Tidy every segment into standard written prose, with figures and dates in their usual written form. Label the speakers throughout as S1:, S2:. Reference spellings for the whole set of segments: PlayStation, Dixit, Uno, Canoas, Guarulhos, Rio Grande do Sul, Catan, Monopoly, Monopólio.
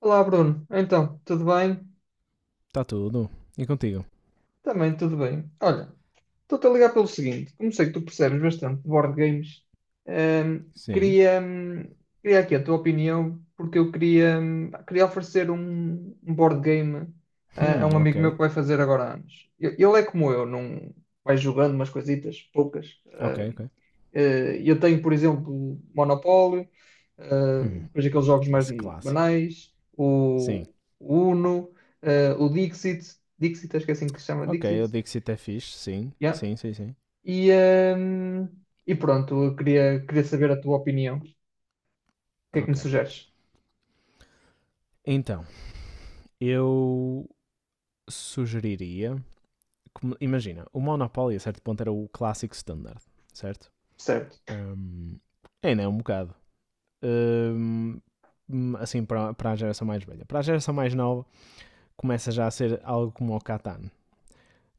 S1: Olá, Bruno. Então, tudo bem?
S2: Está tudo. E contigo?
S1: Também tudo bem. Olha, estou-te a ligar pelo seguinte, como sei que tu percebes bastante de board games,
S2: Sim.
S1: queria, queria aqui a tua opinião, porque eu queria, queria oferecer um board game a um
S2: Ok.
S1: amigo meu que vai fazer agora anos. Ele é como eu, não vai jogando umas coisitas, poucas.
S2: Ok, ok.
S1: Eu tenho, por exemplo, Monopólio,
S2: Hum,
S1: depois aqueles jogos mais
S2: esse clássico.
S1: banais,
S2: Sim.
S1: o Uno, o Dixit, Dixit, acho que é assim que se chama,
S2: Ok, eu
S1: Dixit.
S2: digo se até fixe. Sim,
S1: Yeah.
S2: sim, sim, sim.
S1: E, hum, e pronto, eu queria, queria saber a tua opinião. O que é que me
S2: Ok.
S1: sugeres?
S2: Então, eu sugeriria. Imagina, o Monopoly a certo ponto era o clássico standard, certo?
S1: Certo.
S2: Hum, ainda é um bocado. Hum, assim, para a geração mais velha. Para a geração mais nova, começa já a ser algo como o Catan,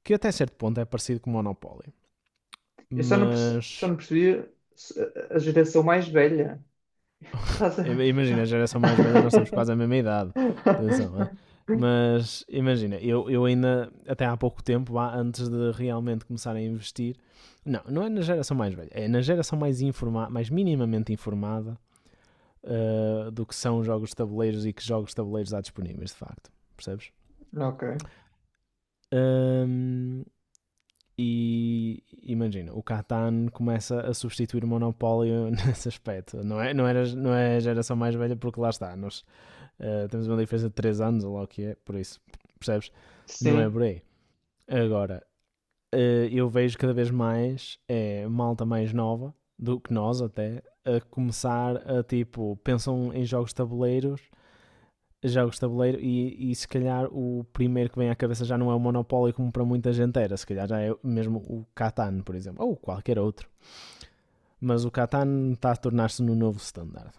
S2: que até certo ponto é parecido com o Monopoly,
S1: Eu só não, só
S2: mas...
S1: não percebi a geração mais velha. Estás a.
S2: Imagina, a geração mais velha, nós temos quase a mesma idade. Atenção, é? Mas imagina, eu ainda, até há pouco tempo, antes de realmente começar a investir, não, não é na geração mais velha, é na geração mais informada, mais minimamente informada, do que são jogos de tabuleiros e que jogos de tabuleiros há disponíveis, de facto. Percebes?
S1: Ok.
S2: Um, e imagina, o Catan começa a substituir o Monopólio nesse aspecto. Não é, não, era, não é a geração mais velha, porque lá está, nós. Temos uma diferença de 3 anos, ou lá o que é, por isso, percebes? Não é
S1: Sim.
S2: por aí. Agora, eu vejo cada vez mais é malta mais nova do que nós até a começar a tipo, pensam em jogos de tabuleiros, jogos de tabuleiro e se calhar o primeiro que vem à cabeça já não é o Monopólio como para muita gente era, se calhar já é mesmo o Catan, por exemplo, ou qualquer outro. Mas o Catan está a tornar-se no novo standard.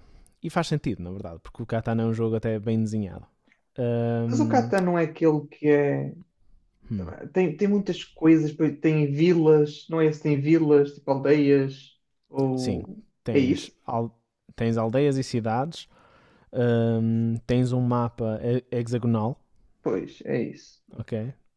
S2: E faz sentido, na verdade, porque o Catan é um jogo até bem desenhado.
S1: Mas o
S2: Ahm,
S1: Catan não é aquele que é.
S2: Hum,
S1: Tem, tem muitas coisas, pois tem vilas, não é se tem vilas, tipo aldeias,
S2: Sim,
S1: ou é
S2: tens,
S1: isso?
S2: al- tens aldeias e cidades, tens um mapa hexagonal,
S1: Pois, é isso.
S2: ok?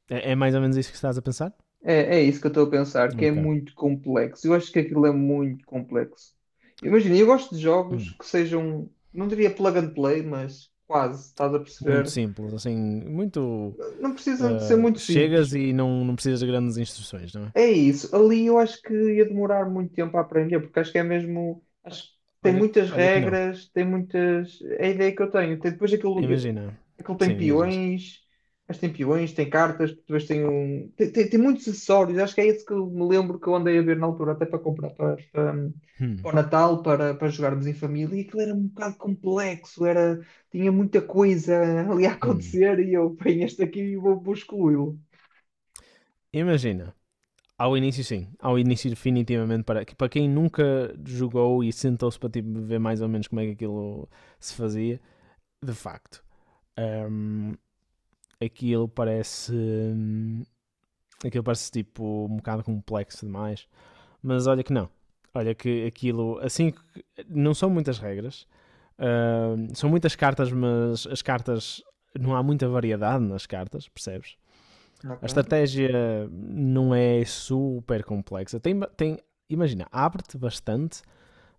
S2: É mais ou menos isso que estás a pensar?
S1: É, é isso que eu estou a pensar, que é
S2: Ok.
S1: muito complexo. Eu acho que aquilo é muito complexo. Imagina, eu gosto de jogos
S2: Hum,
S1: que sejam, não diria plug and play, mas quase, estás a
S2: Muito
S1: perceber?
S2: simples, assim, muito.
S1: Não precisam de ser
S2: ah,
S1: muito simples.
S2: chegas e não, não precisas de grandes instruções, não é?
S1: É isso. Ali eu acho que ia demorar muito tempo a aprender, porque acho que é mesmo. Acho que tem
S2: Olha,
S1: muitas
S2: olha que não.
S1: regras, tem muitas. É a ideia que eu tenho. Tem depois aquilo.
S2: Imagina.
S1: Aquilo tem
S2: Sim, diz, diz.
S1: peões, mas tem peões, tem cartas, depois tem um. Tem, tem muitos acessórios, acho que é esse que eu me lembro que eu andei a ver na altura, até para comprar para, para, para
S2: Hum,
S1: o Natal, para, para jogarmos em família, e aquilo era um bocado complexo, era, tinha muita coisa ali a
S2: hum.
S1: acontecer e eu ponho este aqui e vou, vou excluí-lo.
S2: Imagina. Ao início, sim. Ao início, definitivamente, para quem nunca jogou e sentou-se para tipo ver mais ou menos como é que aquilo se fazia, de facto. Um, aquilo parece. hum, aquilo parece tipo um bocado complexo demais. Mas olha que não. Olha que aquilo. Assim. Não são muitas regras. São muitas cartas, mas as cartas. Não há muita variedade nas cartas, percebes? A
S1: Ok.
S2: estratégia não é super complexa. Tem, tem, imagina, abre-te bastante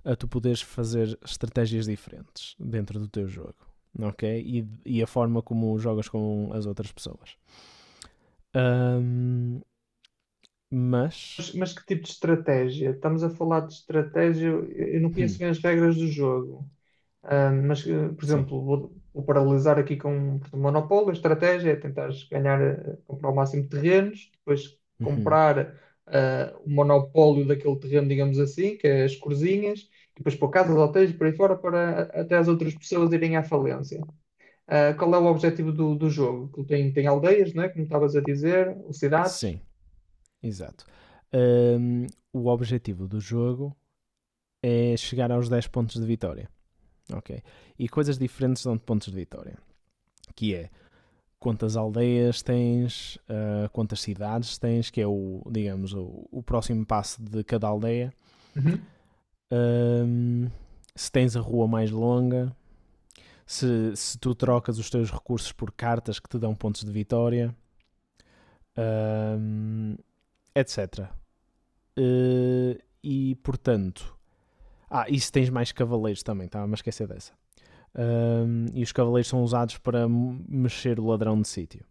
S2: a tu poderes fazer estratégias diferentes dentro do teu jogo, ok? E a forma como jogas com as outras pessoas. Ahm, mas,
S1: Mas que tipo de estratégia? Estamos a falar de estratégia, eu não conheço
S2: hum,
S1: bem as regras do jogo. Ah, mas, por
S2: sim,
S1: exemplo, vou, vou paralelizar aqui com portanto, monopólio, a estratégia é tentar ganhar, comprar o máximo de terrenos, depois
S2: uhum,
S1: comprar o monopólio daquele terreno, digamos assim, que é as corzinhas, e depois pôr casas, hotéis e por aí fora, para até as outras pessoas irem à falência. Ah, qual é o objetivo do, do jogo? Que tem, tem aldeias, né? Como estavas a dizer, ou cidades.
S2: sim, exato. Ahm, o objetivo do jogo é chegar aos 10 pontos de vitória, ok? E coisas diferentes dão-te pontos de vitória, que é quantas aldeias tens, quantas cidades tens, que é o próximo passo de cada aldeia,
S1: Uhum.
S2: hum, se tens a rua mais longa, se tu trocas os teus recursos por cartas que te dão pontos de vitória, hum, etc. E portanto, e se tens mais cavaleiros também, estava-me a esquecer dessa. E os cavaleiros são usados para mexer o ladrão de sítio.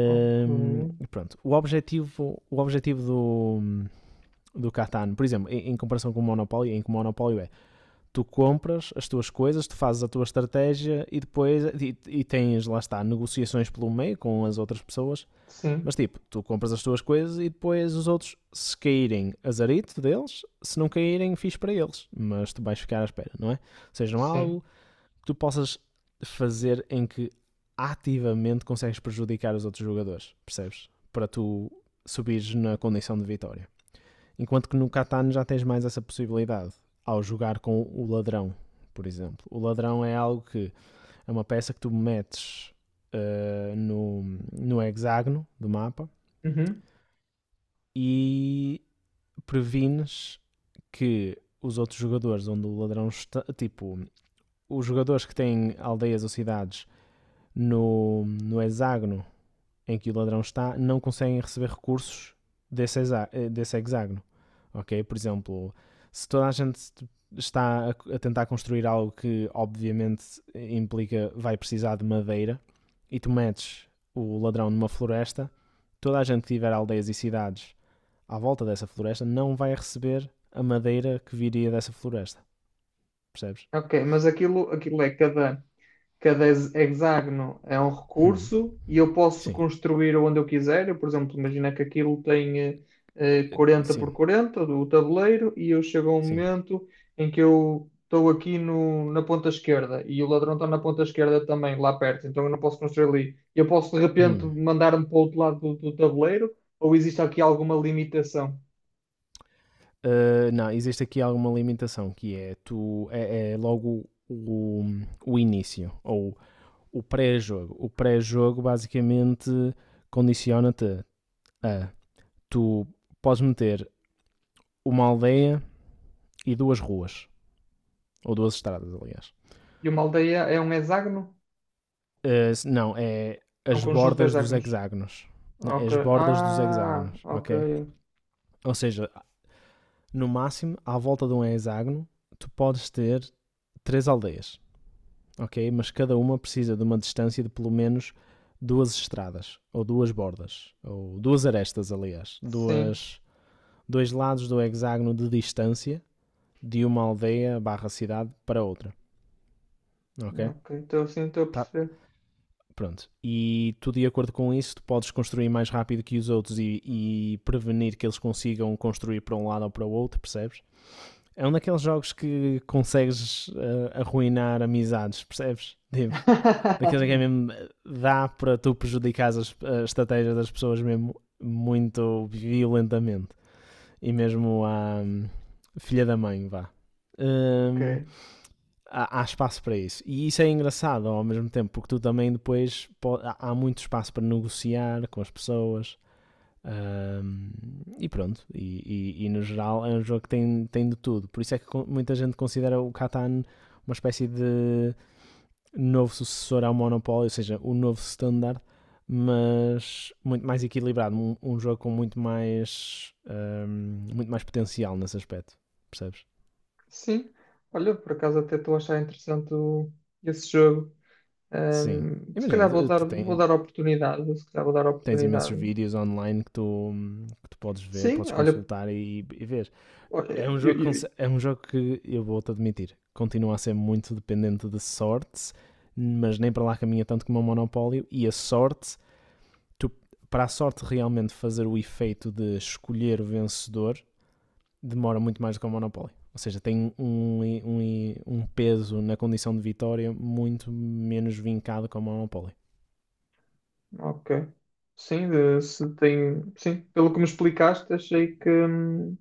S1: Ok.
S2: pronto, o objetivo do Catan, por exemplo, em comparação com o Monopólio, em que o Monopólio é tu compras as tuas coisas, tu fazes a tua estratégia e depois e tens, lá está, negociações pelo meio com as outras pessoas. Mas
S1: Sim,
S2: tipo, tu compras as tuas coisas e depois os outros, se caírem, azarito deles, se não caírem, fiz para eles. Mas tu vais ficar à espera, não é? Ou seja, não há algo
S1: sim.
S2: que tu possas fazer em que ativamente consegues prejudicar os outros jogadores, percebes? Para tu subires na condição de vitória. Enquanto que no Catano já tens mais essa possibilidade ao jogar com o ladrão, por exemplo. O ladrão é algo que é uma peça que tu metes, eh, no, no hexágono do mapa
S1: Uhum.
S2: e prevines que os outros jogadores onde o ladrão está, tipo, os jogadores que têm aldeias ou cidades no hexágono em que o ladrão está não conseguem receber recursos desse, desse hexágono. Ok? Por exemplo, se toda a gente está a tentar construir algo que obviamente implica vai precisar de madeira e tu metes o ladrão numa floresta, toda a gente que tiver aldeias e cidades à volta dessa floresta não vai receber a madeira que viria dessa floresta, percebes?
S1: Ok, mas aquilo, aquilo é cada. Cada hexágono é um
S2: Hum,
S1: recurso e eu posso
S2: sim,
S1: construir onde eu quiser. Eu, por exemplo, imagina que aquilo tem 40 por
S2: sim,
S1: 40 do tabuleiro e eu chego a um
S2: sim.
S1: momento em que eu estou aqui no, na ponta esquerda e o ladrão está na ponta esquerda também, lá perto, então eu não posso construir ali. Eu posso de repente
S2: Hum.
S1: mandar-me para o outro lado do, do tabuleiro ou existe aqui alguma limitação?
S2: Não, existe aqui alguma limitação que é tu é logo o início ou o pré-jogo. O pré-jogo basicamente condiciona-te a tu podes meter uma aldeia e duas ruas, ou duas estradas, aliás.
S1: E uma aldeia é um hexágono?
S2: Não, é
S1: É um
S2: as
S1: conjunto de
S2: bordas dos
S1: hexágonos.
S2: hexágonos. Não, é
S1: Ok.
S2: as bordas dos
S1: Ah,
S2: hexágonos,
S1: ok.
S2: ok? Ou seja, no máximo, à volta de um hexágono, tu podes ter três aldeias, ok? Mas cada uma precisa de uma distância de pelo menos duas estradas, ou duas bordas, ou duas arestas, aliás,
S1: Sim.
S2: duas, dois lados do hexágono de distância de uma aldeia barra cidade para outra. Ok?
S1: Ok, então sim, estou a
S2: Tá.
S1: perceber.
S2: Pronto. E tu, de acordo com isso, tu podes construir mais rápido que os outros e prevenir que eles consigam construir para um lado ou para o outro, percebes? É um daqueles jogos que consegues, arruinar amizades, percebes? Tipo, daqueles em que é mesmo. Dá para tu prejudicar as estratégias das pessoas mesmo muito violentamente. E mesmo à, filha da mãe, vá.
S1: Ok,
S2: Hum, Há espaço para isso. E isso é engraçado ao mesmo tempo, porque tu também depois muito espaço para negociar com as pessoas. hum, e pronto, e no geral é um jogo que tem de tudo. Por isso é que muita gente considera o Catan uma espécie de novo sucessor ao Monopólio, ou seja, o novo standard, mas muito mais equilibrado, um jogo com muito mais potencial nesse aspecto, percebes?
S1: sim. Olha, por acaso até estou a achar interessante esse jogo.
S2: Sim.
S1: Se
S2: Imagina,
S1: calhar
S2: tu,
S1: vou dar oportunidade. Se calhar vou dar
S2: tens imensos
S1: oportunidade.
S2: vídeos online que tu podes ver,
S1: Sim,
S2: podes
S1: olha,
S2: consultar e ver.
S1: olha,
S2: É um, jogo, que
S1: eu-
S2: é um jogo que, eu vou-te admitir, continua a ser muito dependente de sorte, mas nem para lá caminha tanto como o Monopólio, e a sorte tu, para a sorte realmente fazer o efeito de escolher o vencedor, demora muito mais do que o Monopoly. Ou seja, tem um peso na condição de vitória muito menos vincado que o Monopoly.
S1: ok. Sim, se tem, sim, pelo que me explicaste, achei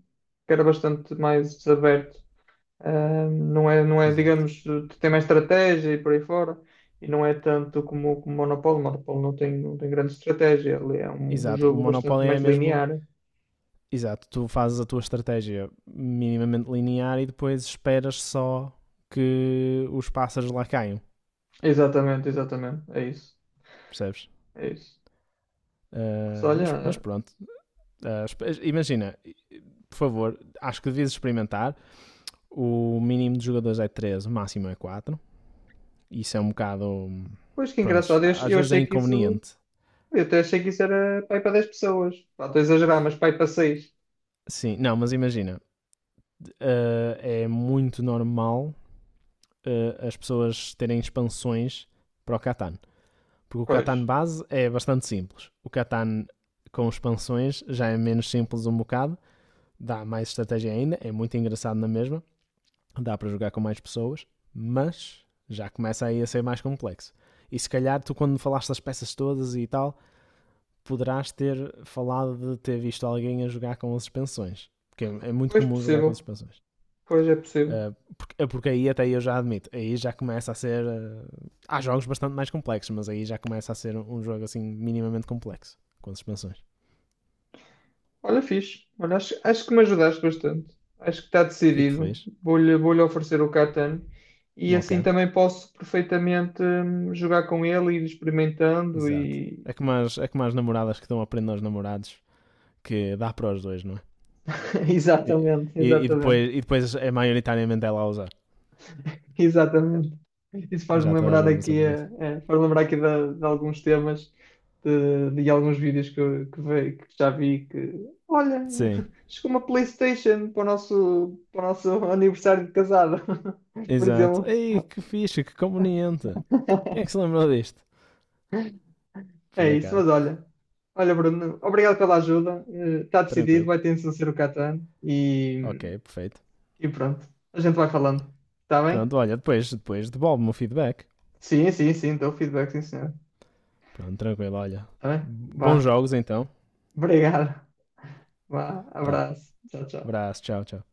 S1: que era bastante mais desaberto. Não é, não é,
S2: Exato.
S1: digamos, tu tem mais estratégia e por aí fora, e não é tanto como o Monopólio. O Monopólio não tem, não tem grande estratégia, ele é um, um
S2: Exato. O
S1: jogo bastante
S2: Monopoly é
S1: mais
S2: mesmo.
S1: linear.
S2: Exato. Tu fazes a tua estratégia minimamente linear e depois esperas só que os pássaros lá caiam.
S1: Exatamente, exatamente, é isso,
S2: Percebes?
S1: é isso. Mas
S2: Mas
S1: olha,
S2: pronto. Imagina, por favor, acho que devias experimentar. O mínimo de jogadores é 3, o máximo é 4. Isso é um bocado.
S1: pois que
S2: Pronto,
S1: engraçado,
S2: às
S1: eu
S2: vezes é
S1: achei que isso,
S2: inconveniente.
S1: eu até achei que isso era pai para 10 pessoas. Pá, estou a exagerar, mas pai para seis.
S2: Sim, não, mas imagina, é muito normal, as pessoas terem expansões para o Catan. Porque o
S1: Pois,
S2: Catan base é bastante simples. O Catan com expansões já é menos simples um bocado, dá mais estratégia ainda, é muito engraçado na mesma, dá para jogar com mais pessoas, mas já começa aí a ser mais complexo. E se calhar tu quando falaste das peças todas e tal, poderás ter falado de ter visto alguém a jogar com as suspensões. Porque é muito
S1: pois
S2: comum jogar com as
S1: possível,
S2: suspensões.
S1: pois é possível.
S2: Porque aí até eu já admito, aí já começa a ser. Há jogos bastante mais complexos, mas aí já começa a ser um jogo assim minimamente complexo, com as suspensões.
S1: Olha, fixe. Olha, acho, acho que me ajudaste bastante. Acho que está
S2: Fico
S1: decidido.
S2: feliz.
S1: Vou-lhe oferecer o Catan e
S2: Ok,
S1: assim também posso perfeitamente jogar com ele e ir experimentando
S2: exato.
S1: e...
S2: É como as namoradas que estão a prender aos namorados, que dá para os dois, não é? E,
S1: Exatamente,
S2: e
S1: exatamente,
S2: depois, é maioritariamente ela a usar.
S1: exatamente. Isso faz-me
S2: Já toda a
S1: lembrar
S2: gente passa
S1: aqui,
S2: por isso.
S1: faz-me lembrar aqui de alguns temas, de alguns vídeos que, que, que já vi que, olha,
S2: Sim.
S1: chegou uma PlayStation para o nosso aniversário de casado, por
S2: Exato.
S1: exemplo.
S2: Ei, que fixe, que conveniente. Quem é que se lembrou disto?
S1: É
S2: Por
S1: isso,
S2: acaso.
S1: mas olha, olha, Bruno, obrigado pela ajuda. Está decidido,
S2: Tranquilo.
S1: vai ter de ser o Catan
S2: Ok, perfeito.
S1: e pronto, a gente vai falando. Está bem?
S2: Pronto, olha, depois devolve-me o feedback.
S1: Sim, sim, sim, dou feedback, sim, senhor.
S2: Pronto, tranquilo, olha.
S1: Está bem?
S2: Bons
S1: Vá.
S2: jogos então.
S1: Obrigado. Vá.
S2: Tá.
S1: Abraço. Tchau, tchau.
S2: Abraço, tchau, tchau.